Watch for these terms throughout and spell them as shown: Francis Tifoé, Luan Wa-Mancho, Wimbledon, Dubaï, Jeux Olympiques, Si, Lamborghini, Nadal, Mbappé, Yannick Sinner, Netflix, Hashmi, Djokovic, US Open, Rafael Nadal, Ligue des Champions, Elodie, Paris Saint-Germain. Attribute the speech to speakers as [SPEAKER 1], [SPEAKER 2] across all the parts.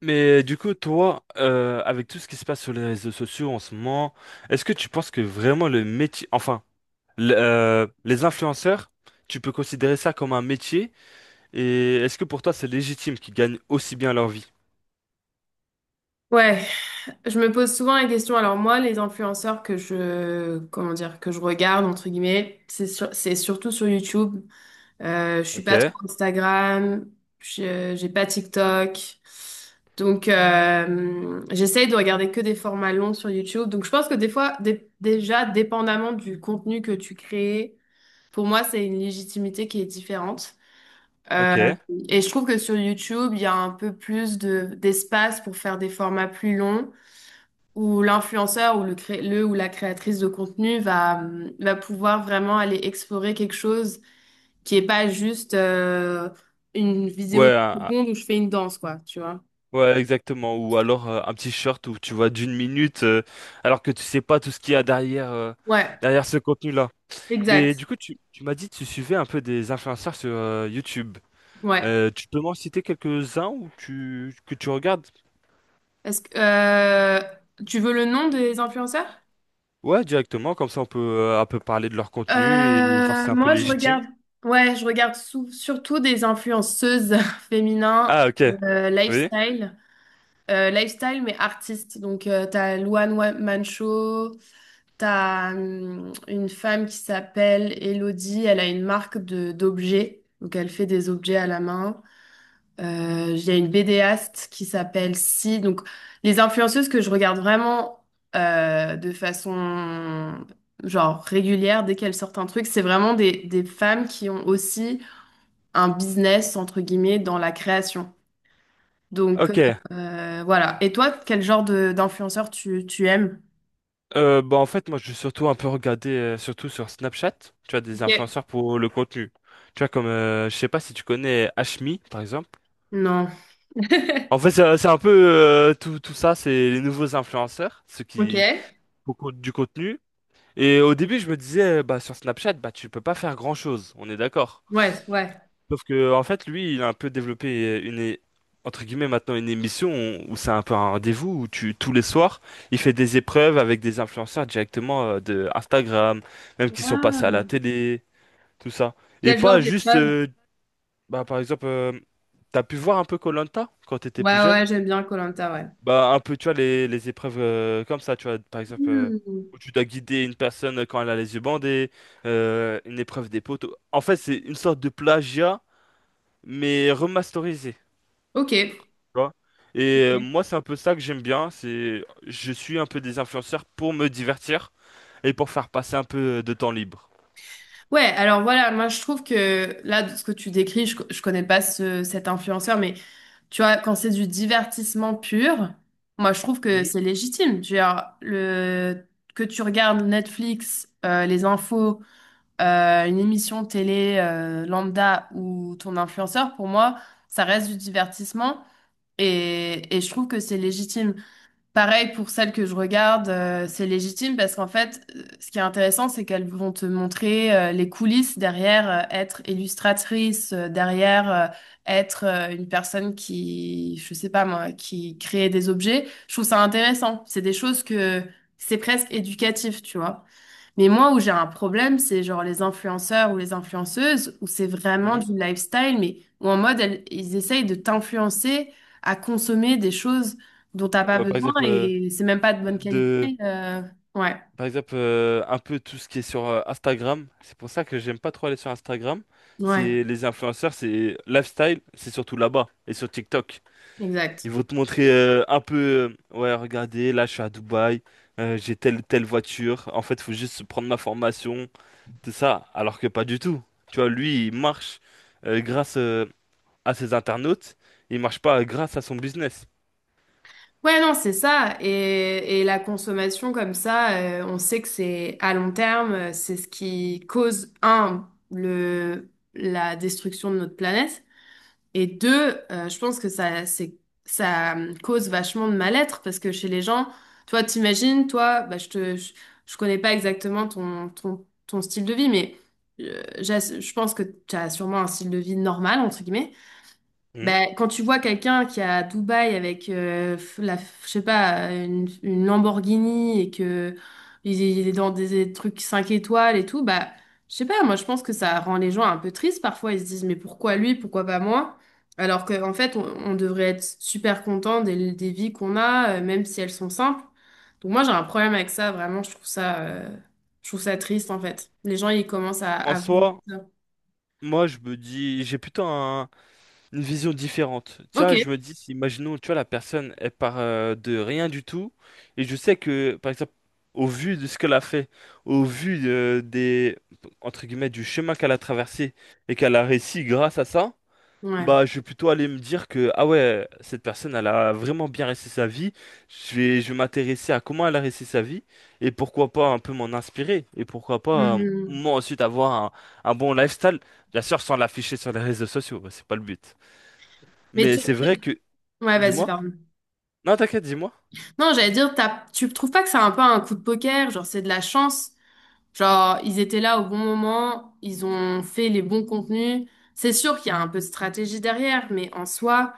[SPEAKER 1] Mais du coup, toi, avec tout ce qui se passe sur les réseaux sociaux en ce moment, est-ce que tu penses que vraiment le métier, enfin, les influenceurs, tu peux considérer ça comme un métier? Et est-ce que pour toi, c'est légitime qu'ils gagnent aussi bien leur vie?
[SPEAKER 2] Ouais, je me pose souvent la question. Alors moi, les influenceurs que je regarde entre guillemets, c'est surtout sur YouTube. Je suis
[SPEAKER 1] Ok,
[SPEAKER 2] pas trop Instagram, j'ai pas TikTok, donc j'essaye de regarder que des formats longs sur YouTube. Donc je pense que des fois, déjà, dépendamment du contenu que tu crées, pour moi, c'est une légitimité qui est différente. Euh,
[SPEAKER 1] ok.
[SPEAKER 2] et je trouve que sur YouTube, il y a un peu plus de d'espace pour faire des formats plus longs où l'influenceur ou le ou la créatrice de contenu va pouvoir vraiment aller explorer quelque chose qui est pas juste une vidéo
[SPEAKER 1] Ouais,
[SPEAKER 2] de seconde où je fais une danse, quoi, tu vois.
[SPEAKER 1] ouais, exactement. Ou alors un petit short où tu vois d'une minute, alors que tu sais pas tout ce qu'il y a derrière,
[SPEAKER 2] Ouais,
[SPEAKER 1] derrière ce contenu-là. Mais
[SPEAKER 2] exact.
[SPEAKER 1] du coup, tu m'as dit que tu suivais un peu des influenceurs sur YouTube.
[SPEAKER 2] Ouais.
[SPEAKER 1] Tu peux m'en citer quelques-uns ou tu, que tu regardes?
[SPEAKER 2] Est-ce que tu veux le nom des influenceurs?
[SPEAKER 1] Ouais, directement, comme ça on peut un peu parler de leur contenu et voir si c'est un peu
[SPEAKER 2] Moi, je
[SPEAKER 1] légitime.
[SPEAKER 2] regarde. Ouais, je regarde surtout des influenceuses féminines,
[SPEAKER 1] Ah, ok, oui.
[SPEAKER 2] lifestyle, lifestyle mais artistes. Donc, tu as Mancho. T'as une femme qui s'appelle Elodie, elle a une marque de d'objets, donc elle fait des objets à la main. Il y a une BDaste qui s'appelle Si. Donc les influenceuses que je regarde vraiment de façon genre régulière, dès qu'elles sortent un truc, c'est vraiment des femmes qui ont aussi un business entre guillemets dans la création. Donc
[SPEAKER 1] Ok.
[SPEAKER 2] voilà. Et toi, quel genre de d'influenceur tu aimes?
[SPEAKER 1] Bah en fait, moi je vais surtout un peu regarder, surtout sur Snapchat, tu as des
[SPEAKER 2] Ok.
[SPEAKER 1] influenceurs pour le contenu. Tu vois, comme, je sais pas si tu connais Hashmi, par exemple.
[SPEAKER 2] Non.
[SPEAKER 1] En fait, c'est un peu tout, tout ça, c'est les nouveaux influenceurs, ceux
[SPEAKER 2] Ok.
[SPEAKER 1] qui beaucoup du contenu. Et au début, je me disais, bah sur Snapchat, bah tu peux pas faire grand-chose, on est d'accord.
[SPEAKER 2] Ouais, ouais.
[SPEAKER 1] Sauf que, en fait, lui, il a un peu développé entre guillemets, maintenant une émission où c'est un peu un rendez-vous où tu, tous les soirs, il fait des épreuves avec des influenceurs directement de Instagram, même qui sont passés à
[SPEAKER 2] Ah,
[SPEAKER 1] la télé, tout ça. Et
[SPEAKER 2] quel genre
[SPEAKER 1] pas juste,
[SPEAKER 2] d'épreuve?
[SPEAKER 1] bah, par exemple, t'as pu voir un peu koh quand t'étais
[SPEAKER 2] Ouais,
[SPEAKER 1] plus
[SPEAKER 2] ouais,
[SPEAKER 1] jeune?
[SPEAKER 2] j'aime bien koh ouais.
[SPEAKER 1] Bah, un peu, tu vois, les épreuves comme ça, tu vois, par exemple,
[SPEAKER 2] Hmm.
[SPEAKER 1] où tu dois guider une personne quand elle a les yeux bandés, une épreuve des poteaux. En fait, c'est une sorte de plagiat, mais remasterisé.
[SPEAKER 2] Ok.
[SPEAKER 1] Tu vois. Et moi, c'est un peu ça que j'aime bien, c'est je suis un peu des influenceurs pour me divertir et pour faire passer un peu de temps libre.
[SPEAKER 2] Ouais, alors voilà, moi je trouve que là, de ce que tu décris, je connais pas cet influenceur, mais tu vois, quand c'est du divertissement pur, moi je trouve que
[SPEAKER 1] Mhm,
[SPEAKER 2] c'est légitime. Tu vois, que tu regardes Netflix, les infos, une émission télé lambda ou ton influenceur, pour moi, ça reste du divertissement et je trouve que c'est légitime. Pareil pour celles que je regarde, c'est légitime parce qu'en fait, ce qui est intéressant, c'est qu'elles vont te montrer les coulisses derrière, être illustratrice, derrière, être une personne qui, je sais pas moi, qui crée des objets. Je trouve ça intéressant. C'est des choses que c'est presque éducatif, tu vois. Mais moi, où j'ai un problème, c'est genre les influenceurs ou les influenceuses, où c'est vraiment
[SPEAKER 1] mhm.
[SPEAKER 2] du lifestyle, mais où en mode, ils essayent de t'influencer à consommer des choses dont t'as pas
[SPEAKER 1] Par
[SPEAKER 2] besoin
[SPEAKER 1] exemple,
[SPEAKER 2] et c'est même pas de bonne qualité.
[SPEAKER 1] de,
[SPEAKER 2] euh, Ouais,
[SPEAKER 1] par exemple un peu tout ce qui est sur Instagram. C'est pour ça que j'aime pas trop aller sur Instagram.
[SPEAKER 2] ouais,
[SPEAKER 1] C'est les influenceurs, c'est lifestyle, c'est surtout là-bas et sur TikTok.
[SPEAKER 2] exact.
[SPEAKER 1] Ils vont te montrer un peu, ouais, regardez, là je suis à Dubaï, j'ai telle telle voiture. En fait, faut juste prendre ma formation. C'est ça, alors que pas du tout. Tu vois, lui, il marche grâce à ses internautes, il marche pas grâce à son business.
[SPEAKER 2] Ouais, non, c'est ça. Et la consommation comme ça, on sait que c'est à long terme, c'est ce qui cause, un, la destruction de notre planète. Et deux, je pense que ça cause vachement de mal-être parce que chez les gens, toi, t'imagines, toi, bah, je connais pas exactement ton style de vie, mais je pense que tu as sûrement un style de vie normal, entre guillemets.
[SPEAKER 1] Hmm.
[SPEAKER 2] Ben, quand tu vois quelqu'un qui est à Dubaï avec je sais pas, une Lamborghini et que il est dans des trucs 5 étoiles et tout, bah, je sais pas, moi je pense que ça rend les gens un peu tristes parfois. Ils se disent, mais pourquoi lui, pourquoi pas moi? Alors qu'en fait, on devrait être super content des vies qu'on a, même si elles sont simples. Donc moi j'ai un problème avec ça, vraiment, je trouve ça triste en fait. Les gens, ils commencent
[SPEAKER 1] En
[SPEAKER 2] à vouloir
[SPEAKER 1] soi,
[SPEAKER 2] ça.
[SPEAKER 1] moi, je me dis, une vision différente.
[SPEAKER 2] Ok,
[SPEAKER 1] Tiens, je me dis, si, imaginons, tu vois, la personne, elle part de rien du tout, et je sais que, par exemple, au vu de ce qu'elle a fait, au vu des, entre guillemets, du chemin qu'elle a traversé, et qu'elle a réussi grâce à ça.
[SPEAKER 2] ouais.
[SPEAKER 1] Bah, je vais plutôt aller me dire que, ah ouais, cette personne, elle a vraiment bien réussi sa vie. Je vais m'intéresser à comment elle a réussi sa vie et pourquoi pas un peu m'en inspirer et pourquoi pas,
[SPEAKER 2] Mhm.
[SPEAKER 1] moi ensuite, un bon lifestyle. Bien sûr, sans l'afficher sur les réseaux sociaux, bah, c'est pas le but.
[SPEAKER 2] Mais
[SPEAKER 1] Mais
[SPEAKER 2] tu...
[SPEAKER 1] c'est vrai que,
[SPEAKER 2] Ouais, vas-y,
[SPEAKER 1] dis-moi,
[SPEAKER 2] pardon.
[SPEAKER 1] non, t'inquiète, dis-moi,
[SPEAKER 2] Non, j'allais dire, tu trouves pas que c'est un peu un coup de poker, genre c'est de la chance. Genre, ils étaient là au bon moment, ils ont fait les bons contenus. C'est sûr qu'il y a un peu de stratégie derrière, mais en soi,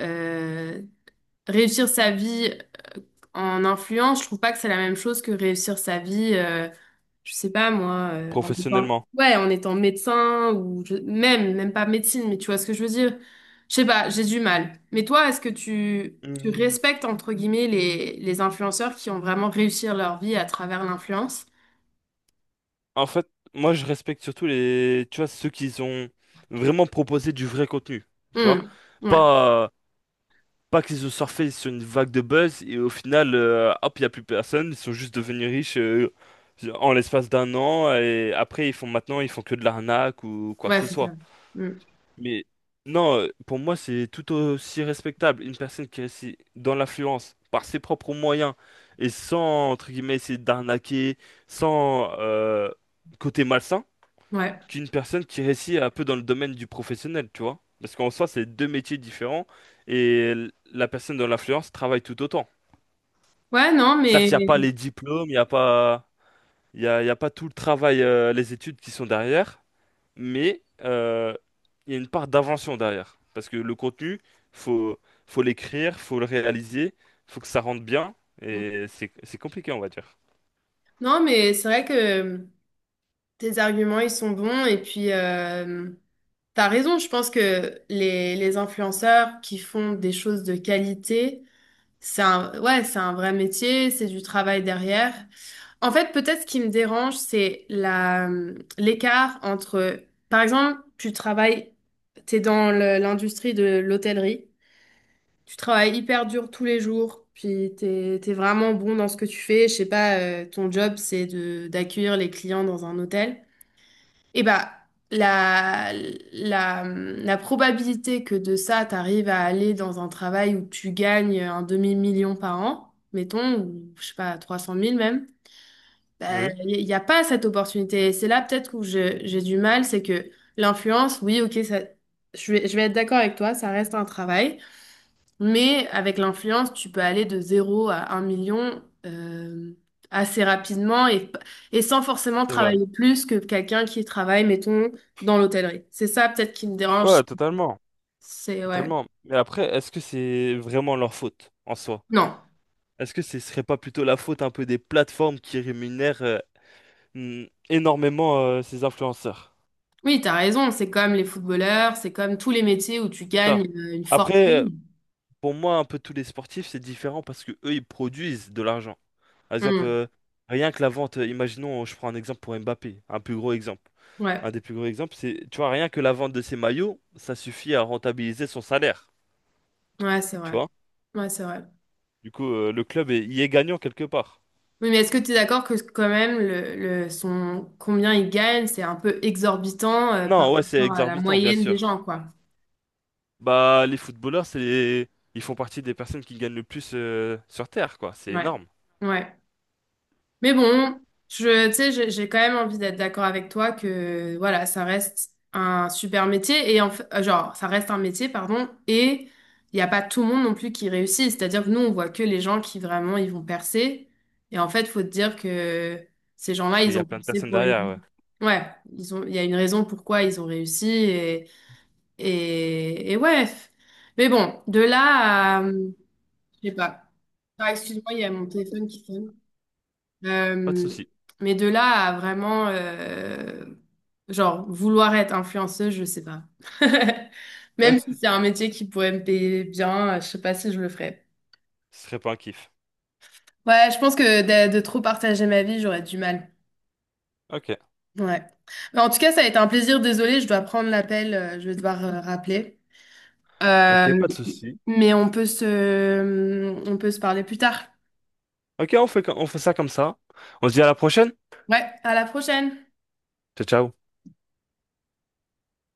[SPEAKER 2] euh, réussir sa vie en influence, je trouve pas que c'est la même chose que réussir sa vie. Je sais pas moi,
[SPEAKER 1] professionnellement.
[SPEAKER 2] ouais, en étant médecin ou même, même pas médecine, mais tu vois ce que je veux dire? Je sais pas, j'ai du mal. Mais toi, est-ce que tu
[SPEAKER 1] Hmm,
[SPEAKER 2] respectes entre guillemets les influenceurs qui ont vraiment réussi leur vie à travers l'influence?
[SPEAKER 1] en fait, moi, je respecte surtout les, tu vois, ceux qui ont vraiment proposé du vrai contenu, tu vois.
[SPEAKER 2] Hmm. Ouais,
[SPEAKER 1] pas pas qu'ils ont surfé sur une vague de buzz et au final, hop, il n'y a plus personne. Ils sont juste devenus riches en l'espace d'un an et après, ils font que de l'arnaque ou quoi que
[SPEAKER 2] ouais,
[SPEAKER 1] ce
[SPEAKER 2] c'est
[SPEAKER 1] soit.
[SPEAKER 2] ça. Hmm.
[SPEAKER 1] Mais non, pour moi, c'est tout aussi respectable. Une personne qui réussit dans l'influence par ses propres moyens et sans, entre guillemets, essayer d'arnaquer, sans côté malsain,
[SPEAKER 2] Ouais,
[SPEAKER 1] qu'une personne qui réussit un peu dans le domaine du professionnel, tu vois. Parce qu'en soi, c'est deux métiers différents et la personne dans l'influence travaille tout autant.
[SPEAKER 2] ouais,
[SPEAKER 1] Certes, il n'y a pas les diplômes, il n'y a pas, il y a pas tout le travail, les études qui sont derrière, mais il y a une part d'invention derrière. Parce que le contenu, faut, faut l'écrire, faut le réaliser, faut que ça rentre bien et c'est compliqué, on va dire.
[SPEAKER 2] non, mais c'est vrai que tes arguments ils sont bons et puis. T'as raison, je pense que les influenceurs qui font des choses de qualité, c'est un, ouais, c'est un vrai métier, c'est du travail derrière. En fait, peut-être ce qui me dérange, c'est l'écart entre, par exemple, tu travailles, t'es dans l'industrie de l'hôtellerie, tu travailles hyper dur tous les jours, puis t'es vraiment bon dans ce que tu fais. Je sais pas, ton job, c'est d'accueillir les clients dans un hôtel. Eh bah, la, la probabilité que de ça, t'arrives à aller dans un travail où tu gagnes un demi-million par an, mettons, ou je sais pas, trois cent mille même,
[SPEAKER 1] Oui,
[SPEAKER 2] il n'y a pas cette opportunité. Et c'est là peut-être où j'ai du mal, c'est que l'influence, oui, ok, ça, je vais être d'accord avec toi, ça reste un travail, mais avec l'influence, tu peux aller de zéro à un million assez rapidement et sans forcément
[SPEAKER 1] c'est vrai.
[SPEAKER 2] travailler plus que quelqu'un qui travaille, mettons, dans l'hôtellerie. C'est ça peut-être qui me dérange.
[SPEAKER 1] Ouais, totalement,
[SPEAKER 2] C'est ouais.
[SPEAKER 1] totalement. Mais après, est-ce que c'est vraiment leur faute en soi?
[SPEAKER 2] Non.
[SPEAKER 1] Est-ce que ce serait pas plutôt la faute un peu des plateformes qui rémunèrent énormément ces influenceurs?
[SPEAKER 2] Oui, t'as raison. C'est comme les footballeurs, c'est comme tous les métiers où tu
[SPEAKER 1] Ça.
[SPEAKER 2] gagnes une
[SPEAKER 1] Après,
[SPEAKER 2] fortune.
[SPEAKER 1] pour moi, un peu tous les sportifs, c'est différent parce que eux, ils produisent de l'argent. Par exemple,
[SPEAKER 2] Hmm.
[SPEAKER 1] rien que la vente, imaginons, je prends un exemple pour Mbappé, un plus gros exemple. Un
[SPEAKER 2] Ouais,
[SPEAKER 1] des plus gros exemples, c'est, tu vois, rien que la vente de ses maillots, ça suffit à rentabiliser son salaire,
[SPEAKER 2] ouais, c'est
[SPEAKER 1] tu
[SPEAKER 2] vrai.
[SPEAKER 1] vois?
[SPEAKER 2] Ouais, c'est vrai.
[SPEAKER 1] Du coup, y est gagnant quelque part.
[SPEAKER 2] Oui, mais est-ce que tu es d'accord que quand même le son combien il gagne, c'est un peu exorbitant par
[SPEAKER 1] Non, ouais, c'est
[SPEAKER 2] rapport à la
[SPEAKER 1] exorbitant, bien
[SPEAKER 2] moyenne des
[SPEAKER 1] sûr.
[SPEAKER 2] gens, quoi?
[SPEAKER 1] Bah, les footballeurs, c'est les- ils font partie des personnes qui gagnent le plus sur Terre, quoi. C'est
[SPEAKER 2] Ouais,
[SPEAKER 1] énorme
[SPEAKER 2] ouais. Mais bon, je, tu sais, j'ai quand même envie d'être d'accord avec toi que voilà, ça reste un super métier et en fait, ça reste un métier, pardon, et il n'y a pas tout le monde non plus qui réussit. C'est-à-dire que nous, on voit que les gens qui vraiment ils vont percer. Et en fait, faut te dire que ces gens-là,
[SPEAKER 1] qu'il
[SPEAKER 2] ils
[SPEAKER 1] y a
[SPEAKER 2] ont
[SPEAKER 1] plein de
[SPEAKER 2] percé
[SPEAKER 1] personnes
[SPEAKER 2] pour une.
[SPEAKER 1] derrière,
[SPEAKER 2] Raison.
[SPEAKER 1] ouais.
[SPEAKER 2] Ouais, ils ont, il y a une raison pourquoi ils ont réussi et ouais. Mais bon, de là à. Je sais pas. Ah, excuse-moi, il y a mon téléphone qui sonne.
[SPEAKER 1] Pas de
[SPEAKER 2] Euh,
[SPEAKER 1] souci.
[SPEAKER 2] mais de là à vraiment, vouloir être influenceuse, je sais pas. Même si c'est un métier qui pourrait me payer bien, je sais pas si je le ferais.
[SPEAKER 1] Ce serait pas un kiff.
[SPEAKER 2] Ouais, je pense que de trop partager ma vie, j'aurais du mal.
[SPEAKER 1] Ok.
[SPEAKER 2] Ouais. Mais en tout cas, ça a été un plaisir. Désolée, je dois prendre l'appel, je vais devoir rappeler. Euh,
[SPEAKER 1] Ok, pas de souci.
[SPEAKER 2] mais on peut se parler plus tard.
[SPEAKER 1] On fait ça comme ça. On se dit à la prochaine.
[SPEAKER 2] Ouais, à la prochaine!
[SPEAKER 1] Ciao, ciao.